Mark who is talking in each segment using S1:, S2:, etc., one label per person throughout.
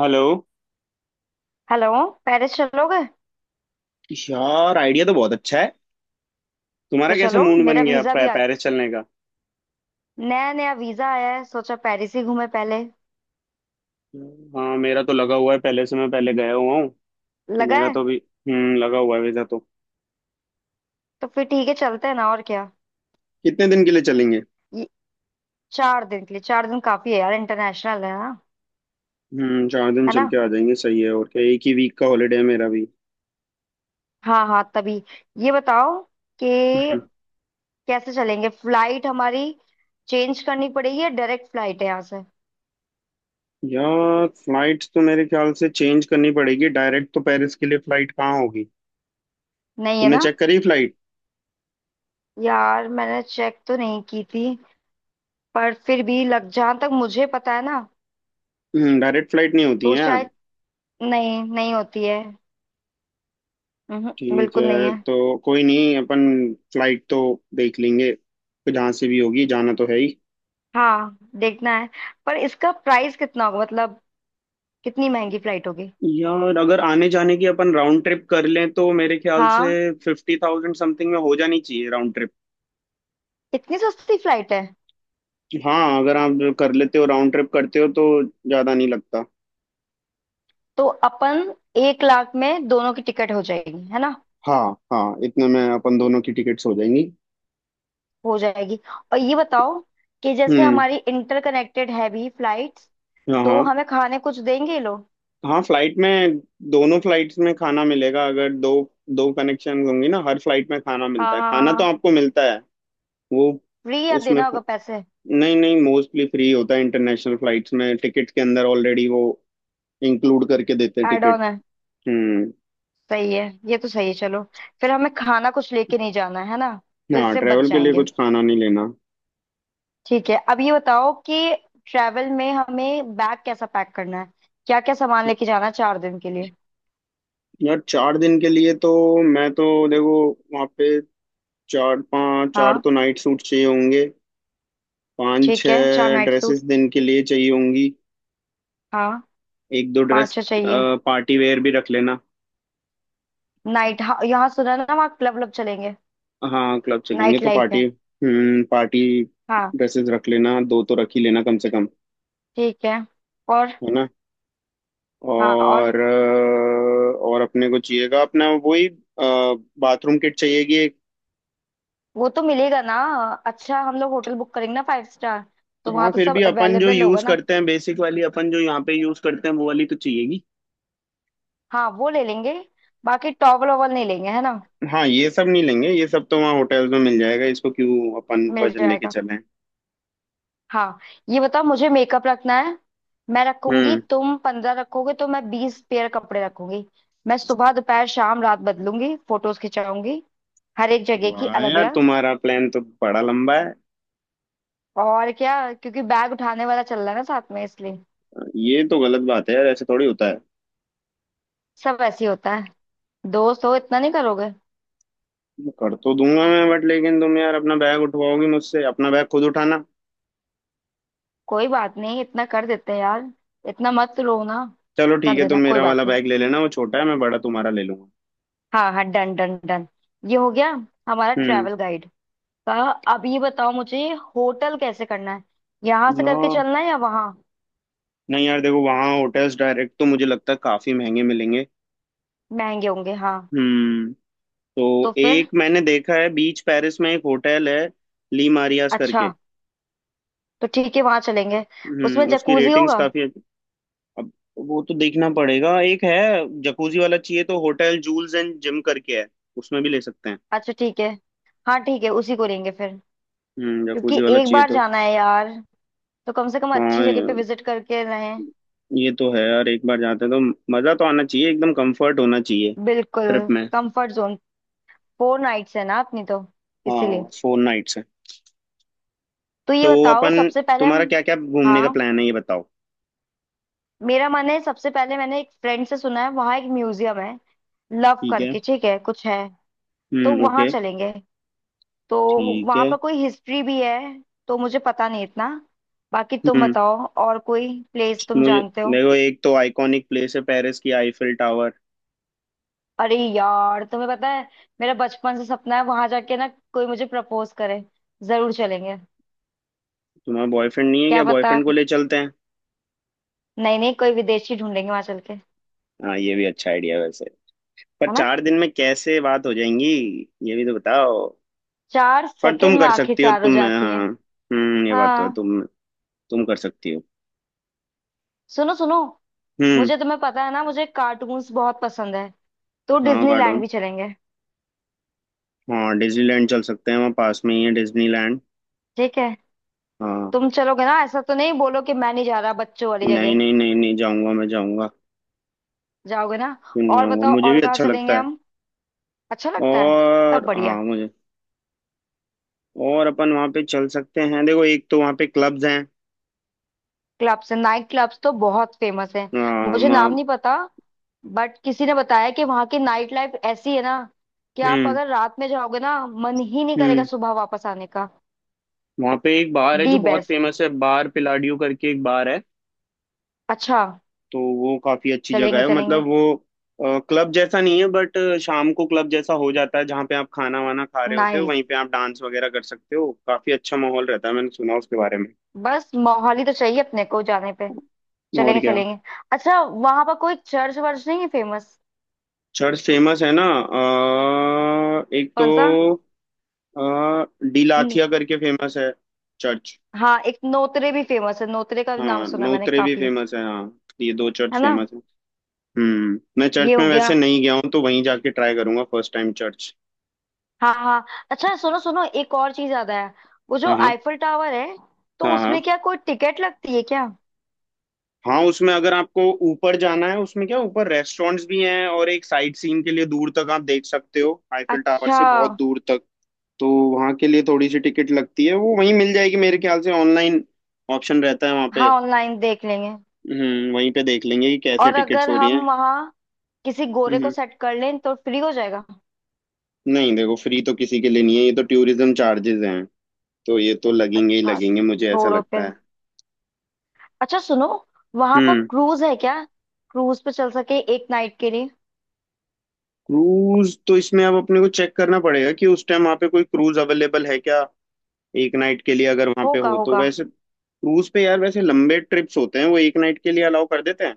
S1: Hello.
S2: Hello. Paris चलोगे?
S1: यार, idea तो बहुत अच्छा है। तुम्हारा
S2: तो
S1: कैसे
S2: चलो,
S1: मूड
S2: मेरा
S1: बन गया
S2: वीजा भी आ गया।
S1: पेरिस चलने का?
S2: नया नया वीजा आया है, सोचा पेरिस ही घूमे पहले।
S1: हाँ, मेरा तो लगा हुआ है पहले से, मैं पहले गया हुआ हूँ। तो
S2: लगा
S1: मेरा
S2: है?
S1: तो भी। हम्म, लगा हुआ है वीजा तो।
S2: तो फिर ठीक है, चलते हैं ना, और क्या।
S1: कितने दिन के लिए चलेंगे?
S2: ये 4 दिन के लिए, 4 दिन काफी है यार, इंटरनेशनल है ना।
S1: हम्म, 4 दिन
S2: है
S1: चल
S2: ना?
S1: के आ जाएंगे। सही है, और क्या, एक ही वीक का हॉलीडे है मेरा भी।
S2: हाँ हाँ, तभी ये बताओ कि
S1: हम्म,
S2: कैसे चलेंगे, फ्लाइट हमारी चेंज करनी पड़ेगी या डायरेक्ट फ्लाइट है यहाँ से?
S1: यार, फ्लाइट तो मेरे ख्याल से चेंज करनी पड़ेगी। डायरेक्ट तो पेरिस के लिए फ्लाइट कहाँ होगी।
S2: नहीं है
S1: तुमने
S2: ना।
S1: चेक करी फ्लाइट?
S2: यार मैंने चेक तो नहीं की थी, पर फिर भी लग, जहाँ तक मुझे पता है ना,
S1: हम्म, डायरेक्ट फ्लाइट नहीं होती
S2: तो
S1: है यार।
S2: शायद नहीं, नहीं होती है।
S1: ठीक
S2: बिल्कुल नहीं
S1: है,
S2: है।
S1: तो कोई नहीं, अपन फ्लाइट तो देख लेंगे। तो जहाँ से भी होगी, जाना तो है ही।
S2: हाँ देखना है, पर इसका प्राइस कितना होगा, मतलब कितनी महंगी फ्लाइट होगी।
S1: यार, अगर आने जाने की अपन राउंड ट्रिप कर लें तो मेरे ख्याल से
S2: हाँ,
S1: 50,000 समथिंग में हो जानी चाहिए राउंड ट्रिप।
S2: इतनी सस्ती फ्लाइट है?
S1: हाँ, अगर आप कर लेते हो, राउंड ट्रिप करते हो तो ज्यादा नहीं लगता।
S2: तो अपन 1 लाख में दोनों की टिकट हो जाएगी है ना।
S1: हाँ हाँ, इतने में अपन दोनों की टिकट्स हो जाएंगी।
S2: हो जाएगी। और ये बताओ कि जैसे
S1: हम्म।
S2: हमारी इंटरकनेक्टेड है भी फ्लाइट्स,
S1: हाँ
S2: तो
S1: हाँ
S2: हमें खाने कुछ देंगे ये लोग?
S1: हाँ, फ्लाइट में दोनों फ्लाइट्स में खाना मिलेगा। अगर दो दो कनेक्शन होंगी ना, हर फ्लाइट में खाना
S2: हाँ
S1: मिलता है,
S2: हाँ
S1: खाना तो
S2: हाँ।
S1: आपको मिलता है। वो
S2: फ्री आप
S1: उसमें
S2: देना होगा पैसे?
S1: नहीं नहीं, मोस्टली फ्री होता है इंटरनेशनल फ्लाइट्स में। टिकट के अंदर ऑलरेडी वो इंक्लूड करके देते हैं
S2: एड
S1: टिकट।
S2: ऑन है।
S1: हम्म।
S2: सही है। ये तो सही है, चलो। फिर हमें खाना कुछ लेके नहीं जाना है ना। तो
S1: हाँ,
S2: इससे बच
S1: ट्रेवल के लिए
S2: जाएंगे।
S1: कुछ खाना नहीं लेना।
S2: ठीक है, अब ये बताओ कि ट्रैवल में हमें बैग कैसा पैक करना है, क्या क्या सामान लेके जाना है 4 दिन के लिए।
S1: यार चार दिन के लिए तो, मैं तो देखो वहाँ पे चार
S2: हाँ
S1: तो नाइट सूट चाहिए होंगे। पाँच
S2: ठीक है, चार
S1: छः
S2: नाइट सूट
S1: ड्रेसेस दिन के लिए चाहिए होंगी।
S2: हाँ,
S1: एक दो
S2: पाँच
S1: ड्रेस,
S2: छह चाहिए।
S1: पार्टी वेयर भी रख लेना।
S2: नाइट हाँ, यहाँ सुना है ना, वहाँ क्लब क्लब चलेंगे।
S1: हाँ, क्लब चलेंगे
S2: नाइट
S1: तो
S2: लाइफ
S1: पार्टी।
S2: है।
S1: हम्म, पार्टी
S2: हाँ।
S1: ड्रेसेस रख लेना, दो तो रख ही लेना कम से कम
S2: ठीक है। और
S1: है।
S2: हाँ। और
S1: और अपने को चाहिएगा अपना वही बाथरूम किट, चाहिएगी एक।
S2: वो तो मिलेगा ना। अच्छा हम लोग होटल बुक करेंगे ना, फाइव स्टार, तो वहाँ
S1: हाँ,
S2: तो
S1: फिर
S2: सब
S1: भी अपन जो
S2: अवेलेबल होगा
S1: यूज
S2: ना।
S1: करते हैं बेसिक वाली, अपन जो यहाँ पे यूज करते हैं वो वाली तो चाहिएगी।
S2: हाँ वो ले लेंगे। बाकी टॉवल ओवल नहीं लेंगे, है ना।
S1: हाँ, ये सब नहीं लेंगे, ये सब तो वहाँ होटल्स में मिल जाएगा। इसको क्यों अपन
S2: मिल
S1: वजन लेके
S2: जाएगा।
S1: चलें।
S2: हाँ। ये बताओ मुझे, मेकअप रखना है। मैं रखूंगी,
S1: हम्म।
S2: तुम 15 रखोगे तो मैं 20 पेयर कपड़े रखूंगी। मैं सुबह दोपहर शाम रात बदलूंगी, फोटोज खिंचाऊंगी हर एक जगह की
S1: वाह
S2: अलग
S1: यार,
S2: अलग।
S1: तुम्हारा प्लान तो बड़ा लंबा है।
S2: और क्या, क्योंकि बैग उठाने वाला चल रहा है ना साथ में, इसलिए।
S1: ये तो गलत बात है यार, ऐसे थोड़ी होता है।
S2: सब ऐसे ही होता है, दोस्त हो इतना नहीं करोगे?
S1: कर तो दूंगा मैं, बट लेकिन तुम यार अपना बैग उठवाओगी मुझसे? अपना बैग खुद उठाना।
S2: कोई बात नहीं, इतना कर देते हैं यार। इतना मत रो ना।
S1: चलो ठीक
S2: कर
S1: है, तुम
S2: देना, कोई
S1: मेरा
S2: बात
S1: वाला
S2: नहीं।
S1: बैग ले लेना, वो छोटा है, मैं बड़ा तुम्हारा ले लूंगा।
S2: हाँ हाँ, डन डन डन। ये हो गया हमारा
S1: हम्म।
S2: Travel guide. तो अब ये बताओ मुझे, होटल कैसे करना है, यहाँ से
S1: ना,
S2: करके चलना है या वहाँ?
S1: नहीं यार देखो, वहाँ होटल्स डायरेक्ट तो मुझे लगता है काफी महंगे मिलेंगे।
S2: महंगे होंगे, हाँ।
S1: हम्म। तो
S2: तो फिर?
S1: एक मैंने देखा है, बीच पेरिस में एक होटल है, ली मारियास
S2: अच्छा।
S1: करके।
S2: तो ठीक है, वहाँ चलेंगे। उसमें
S1: हम्म, उसकी
S2: जकूजी
S1: रेटिंग्स
S2: होगा?
S1: काफी अब वो तो देखना पड़ेगा। एक है, जकूजी वाला चाहिए तो होटल जूल्स एंड जिम करके है, उसमें भी ले सकते हैं।
S2: अच्छा ठीक है। हाँ ठीक है, उसी को लेंगे फिर।
S1: हम्म,
S2: क्योंकि
S1: जकूजी वाला
S2: एक
S1: चाहिए
S2: बार
S1: तो।
S2: जाना है यार, तो कम से कम अच्छी
S1: हाँ,
S2: जगह पे विजिट करके रहें।
S1: ये तो है यार, एक बार जाते हैं तो मजा तो आना चाहिए, एकदम कंफर्ट होना चाहिए
S2: बिल्कुल।
S1: ट्रिप में।
S2: Comfort zone. 4 नाइट्स है ना अपनी तो, इसीलिए।
S1: हाँ, 4 नाइट्स।
S2: तो ये
S1: तो
S2: बताओ
S1: अपन,
S2: सबसे पहले
S1: तुम्हारा
S2: हम।
S1: क्या क्या घूमने का
S2: हाँ,
S1: प्लान है, ये बताओ?
S2: मेरा मन है, सबसे पहले मैंने एक फ्रेंड से सुना है वहाँ एक म्यूजियम है, लव
S1: ठीक है।
S2: करके ठीक है कुछ है, तो
S1: हम्म,
S2: वहां
S1: ओके।
S2: चलेंगे। तो
S1: ठीक
S2: वहां
S1: है।
S2: पर कोई हिस्ट्री भी है, तो मुझे पता नहीं इतना, बाकी तुम
S1: हम्म,
S2: बताओ। और कोई प्लेस तुम
S1: मुझे
S2: जानते हो?
S1: देखो, एक तो आइकॉनिक प्लेस है पेरिस की, आईफिल टावर।
S2: अरे यार तुम्हें पता है, मेरा बचपन से सपना है, वहां जाके ना कोई मुझे प्रपोज करे, जरूर चलेंगे।
S1: तुम्हारा बॉयफ्रेंड नहीं है
S2: क्या
S1: क्या?
S2: पता।
S1: बॉयफ्रेंड को ले चलते हैं।
S2: नहीं नहीं, कोई विदेशी ढूंढेंगे वहां चल के।
S1: हाँ, ये भी अच्छा आइडिया है वैसे। पर
S2: है ना।
S1: चार दिन में कैसे बात हो जाएंगी, ये भी तो बताओ।
S2: चार
S1: पर
S2: सेकंड
S1: तुम
S2: में
S1: कर
S2: आंखें
S1: सकती हो
S2: चार हो
S1: तुम,
S2: जाती हैं।
S1: हाँ। हम्म, ये बात तो है,
S2: हाँ।
S1: तुम कर सकती हो।
S2: सुनो सुनो,
S1: हम्म।
S2: मुझे तुम्हें पता है ना, मुझे कार्टून्स बहुत पसंद है, तो
S1: हाँ
S2: डिज्नीलैंड
S1: कार्टून,
S2: भी चलेंगे।
S1: हाँ डिज्नीलैंड चल सकते हैं, वहाँ पास में ही है डिज्नीलैंड।
S2: ठीक है।
S1: हाँ।
S2: तुम चलोगे ना, ऐसा तो नहीं बोलो कि मैं नहीं जा रहा बच्चों वाली
S1: नहीं
S2: जगह।
S1: नहीं नहीं नहीं, जाऊंगा मैं, जाऊंगा।
S2: जाओगे ना?
S1: क्यों नहीं
S2: और
S1: आऊंगा,
S2: बताओ,
S1: मुझे
S2: और
S1: भी
S2: कहाँ
S1: अच्छा
S2: चलेंगे
S1: लगता है।
S2: हम? अच्छा लगता है, तब
S1: और हाँ
S2: बढ़िया।
S1: मुझे, और अपन वहाँ पे चल सकते हैं, देखो एक तो वहाँ पे क्लब्स हैं।
S2: क्लब्स है, नाइट क्लब्स तो बहुत फेमस है।
S1: हाँ,
S2: मुझे नाम नहीं पता, बट किसी ने बताया कि वहाँ की नाइट लाइफ ऐसी है ना, कि आप
S1: हम्म।
S2: अगर रात में जाओगे ना, मन ही नहीं करेगा
S1: हम्म,
S2: सुबह वापस आने का।
S1: वहाँ पे एक बार है
S2: दी
S1: जो बहुत
S2: बेस्ट।
S1: फेमस है, बार पिलाडियो करके एक बार है।
S2: अच्छा।
S1: तो वो काफी अच्छी जगह
S2: चलेंगे
S1: है,
S2: चलेंगे।
S1: मतलब वो क्लब जैसा नहीं है, बट शाम को क्लब जैसा हो जाता है। जहाँ पे आप खाना वाना खा रहे होते हो,
S2: नाइस।
S1: वहीं पे आप डांस वगैरह कर सकते हो। काफी अच्छा माहौल रहता है, मैंने सुना उसके बारे में।
S2: बस मोहाली तो चाहिए अपने को जाने पे।
S1: और
S2: चलेंगे
S1: क्या,
S2: चलेंगे। अच्छा, वहां पर कोई चर्च वर्च नहीं है फेमस?
S1: चर्च फेमस है ना। एक तो
S2: कौन सा?
S1: आ, डिलाथिया करके फेमस है चर्च।
S2: हाँ, एक नोतरे भी फेमस है, नोतरे का भी नाम
S1: हाँ,
S2: सुना मैंने
S1: नोत्रे भी
S2: काफी।
S1: फेमस है। हाँ, ये दो चर्च
S2: है ना।
S1: फेमस है। हम्म, मैं
S2: ये
S1: चर्च
S2: हो
S1: में वैसे
S2: गया।
S1: नहीं गया हूँ, तो वहीं जाके ट्राई करूंगा फर्स्ट टाइम चर्च।
S2: हाँ हाँ। अच्छा सुनो सुनो, एक और चीज याद आया। वो जो
S1: हाँ हाँ।
S2: आईफल टावर है, तो
S1: हाँ
S2: उसमें
S1: हाँ,
S2: क्या कोई टिकट लगती है क्या?
S1: हाँ उसमें अगर आपको ऊपर जाना है, उसमें क्या ऊपर रेस्टोरेंट्स भी हैं। और एक साइट सीन के लिए दूर तक आप देख सकते हो आईफिल टावर
S2: अच्छा।
S1: से, बहुत दूर तक। तो वहाँ के लिए थोड़ी सी टिकट लगती है, वो वहीं मिल जाएगी, मेरे ख्याल से ऑनलाइन ऑप्शन रहता है वहाँ पे।
S2: हाँ, ऑनलाइन देख लेंगे।
S1: हम्म, वहीं पे देख लेंगे कि कैसे
S2: और
S1: टिकट्स
S2: अगर
S1: हो रही
S2: हम
S1: हैं।
S2: वहाँ किसी गोरे को
S1: हम्म,
S2: सेट कर लें तो फ्री हो जाएगा।
S1: नहीं देखो, फ्री तो किसी के लिए नहीं है, ये तो टूरिज्म चार्जेस हैं। तो ये तो लगेंगे ही
S2: अच्छा।
S1: लगेंगे, मुझे ऐसा
S2: छोड़ो
S1: लगता
S2: फिर।
S1: है।
S2: अच्छा सुनो, वहां पर
S1: हम्म।
S2: क्रूज है क्या? क्रूज पे चल सके एक नाइट के लिए?
S1: क्रूज तो इसमें अब अपने को चेक करना पड़ेगा कि उस टाइम वहाँ पे कोई क्रूज अवेलेबल है क्या। 1 नाइट के लिए अगर वहाँ पे
S2: होगा
S1: हो तो,
S2: होगा,
S1: वैसे क्रूज पे यार वैसे लंबे ट्रिप्स होते हैं, वो एक नाइट के लिए अलाउ कर देते हैं।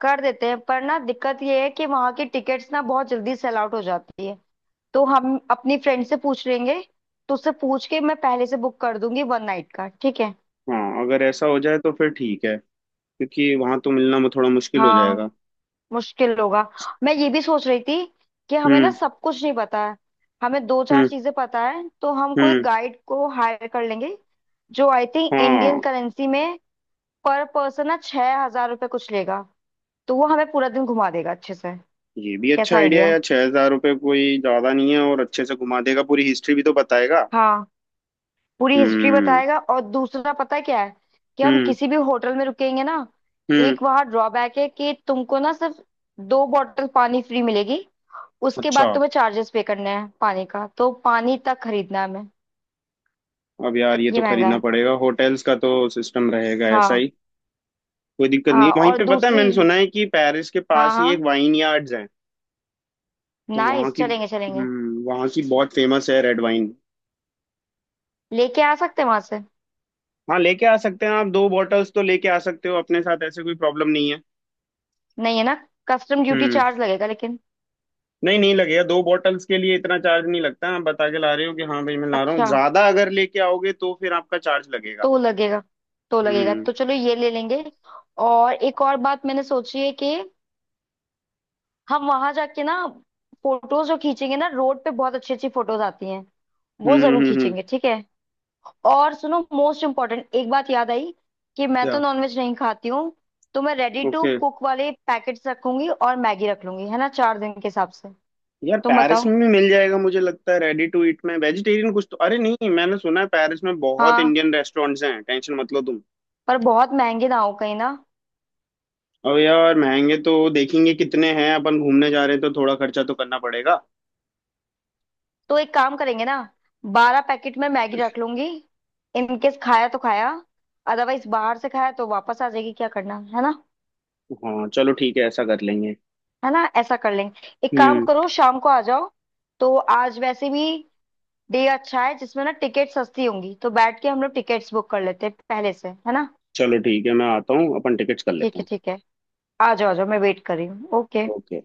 S2: कर देते हैं, पर ना दिक्कत ये है कि वहां की टिकट्स ना बहुत जल्दी सेल आउट हो जाती है। तो हम अपनी फ्रेंड से पूछ लेंगे, तो उससे पूछ के मैं पहले से बुक कर दूंगी 1 नाइट का, ठीक है?
S1: हाँ, अगर ऐसा हो जाए तो फिर ठीक है। क्योंकि वहाँ तो मिलना वो थोड़ा मुश्किल हो
S2: हाँ।
S1: जाएगा।
S2: मुश्किल होगा। मैं ये भी सोच रही थी कि हमें ना
S1: हम्म।
S2: सब कुछ नहीं पता है, हमें दो चार
S1: हम्म।
S2: चीजें पता है, तो हम कोई
S1: हम्म।
S2: गाइड को हायर कर लेंगे, जो आई थिंक इंडियन
S1: हाँ,
S2: करेंसी में पर पर्सन ना 6,000 रुपये कुछ लेगा, तो वो हमें पूरा दिन घुमा देगा अच्छे से।
S1: ये भी अच्छा
S2: कैसा
S1: आइडिया
S2: आइडिया
S1: है
S2: है?
S1: यार, 6,000 रुपये कोई ज्यादा नहीं है, और अच्छे से घुमा देगा, पूरी हिस्ट्री भी तो बताएगा।
S2: हाँ, पूरी हिस्ट्री
S1: हम्म।
S2: बताएगा। और दूसरा पता है क्या है कि हम
S1: हम्म।
S2: किसी भी होटल में रुकेंगे ना,
S1: हम्म।
S2: एक वहाँ ड्रॉबैक है कि तुमको ना सिर्फ 2 बॉटल पानी फ्री मिलेगी, उसके
S1: अच्छा,
S2: बाद तुम्हें चार्जेस पे करने हैं पानी का, तो पानी तक खरीदना है हमें।
S1: अब यार ये
S2: ये
S1: तो
S2: महंगा
S1: खरीदना
S2: है।
S1: पड़ेगा, होटल्स का तो सिस्टम रहेगा ऐसा
S2: हाँ
S1: ही। कोई दिक्कत नहीं
S2: हाँ।
S1: है। वहीं
S2: और
S1: पे पता है,
S2: दूसरी,
S1: मैंने सुना है कि पेरिस के
S2: हाँ
S1: पास ही एक
S2: हाँ।
S1: वाइन यार्ड्स है। तो वहाँ
S2: नाइस,
S1: की,
S2: चलेंगे चलेंगे।
S1: वहाँ की बहुत फेमस है रेड वाइन।
S2: लेके आ सकते हैं वहां से?
S1: हाँ, लेके आ सकते हैं, आप दो बॉटल्स तो लेके आ सकते हो अपने साथ, ऐसे कोई प्रॉब्लम नहीं है।
S2: नहीं, है ना? कस्टम ड्यूटी
S1: हम्म,
S2: चार्ज लगेगा लेकिन।
S1: नहीं नहीं लगेगा, दो बॉटल्स के लिए इतना चार्ज नहीं लगता। आप बता के ला रहे हो कि हाँ भाई मैं ला रहा हूँ,
S2: अच्छा।
S1: ज्यादा अगर लेके आओगे तो फिर आपका चार्ज लगेगा।
S2: तो लगेगा। तो लगेगा,
S1: हम्म।
S2: तो चलो, ये ले लेंगे। और एक और बात मैंने सोची है कि हम वहां जाके ना फोटोज जो खींचेंगे ना, रोड पे बहुत अच्छी अच्छी फोटोज आती हैं, वो
S1: हम्म।
S2: जरूर
S1: हम्म।
S2: खींचेंगे, ठीक है। और सुनो, मोस्ट इम्पोर्टेंट एक बात याद आई कि मैं तो
S1: क्या?
S2: नॉनवेज नहीं खाती हूँ, तो मैं रेडी टू
S1: ओके।
S2: कुक वाले पैकेट्स रखूंगी और मैगी रख लूंगी, है ना, 4 दिन के हिसाब से।
S1: यार
S2: तुम
S1: पेरिस
S2: बताओ।
S1: में भी मिल जाएगा मुझे लगता है, रेडी टू ईट में वेजिटेरियन कुछ तो। अरे नहीं, मैंने सुना है पेरिस में बहुत
S2: हाँ।
S1: इंडियन रेस्टोरेंट्स हैं, टेंशन मत लो तुम।
S2: पर बहुत महंगे ना हो कहीं ना।
S1: अब यार महंगे तो देखेंगे कितने हैं, अपन घूमने जा रहे हैं तो थोड़ा खर्चा तो करना पड़ेगा।
S2: तो एक काम करेंगे ना, 12 पैकेट में मैगी रख लूंगी, इनकेस खाया तो खाया, अदरवाइज बाहर से खाया तो वापस आ जाएगी, क्या करना है ना।
S1: हाँ चलो ठीक है, ऐसा कर लेंगे।
S2: है ना, ऐसा कर लेंगे। एक काम
S1: हम्म,
S2: करो, शाम को आ जाओ। तो आज वैसे भी डे अच्छा है जिसमें ना टिकट सस्ती होंगी, तो बैठ के हम लोग टिकट्स बुक कर लेते हैं पहले से, है ना।
S1: चलो ठीक है मैं आता हूँ, अपन टिकट्स कर
S2: ठीक
S1: लेते
S2: है
S1: हैं।
S2: ठीक है। आ जाओ आ जाओ, मैं वेट कर रही हूँ, ओके।
S1: ओके।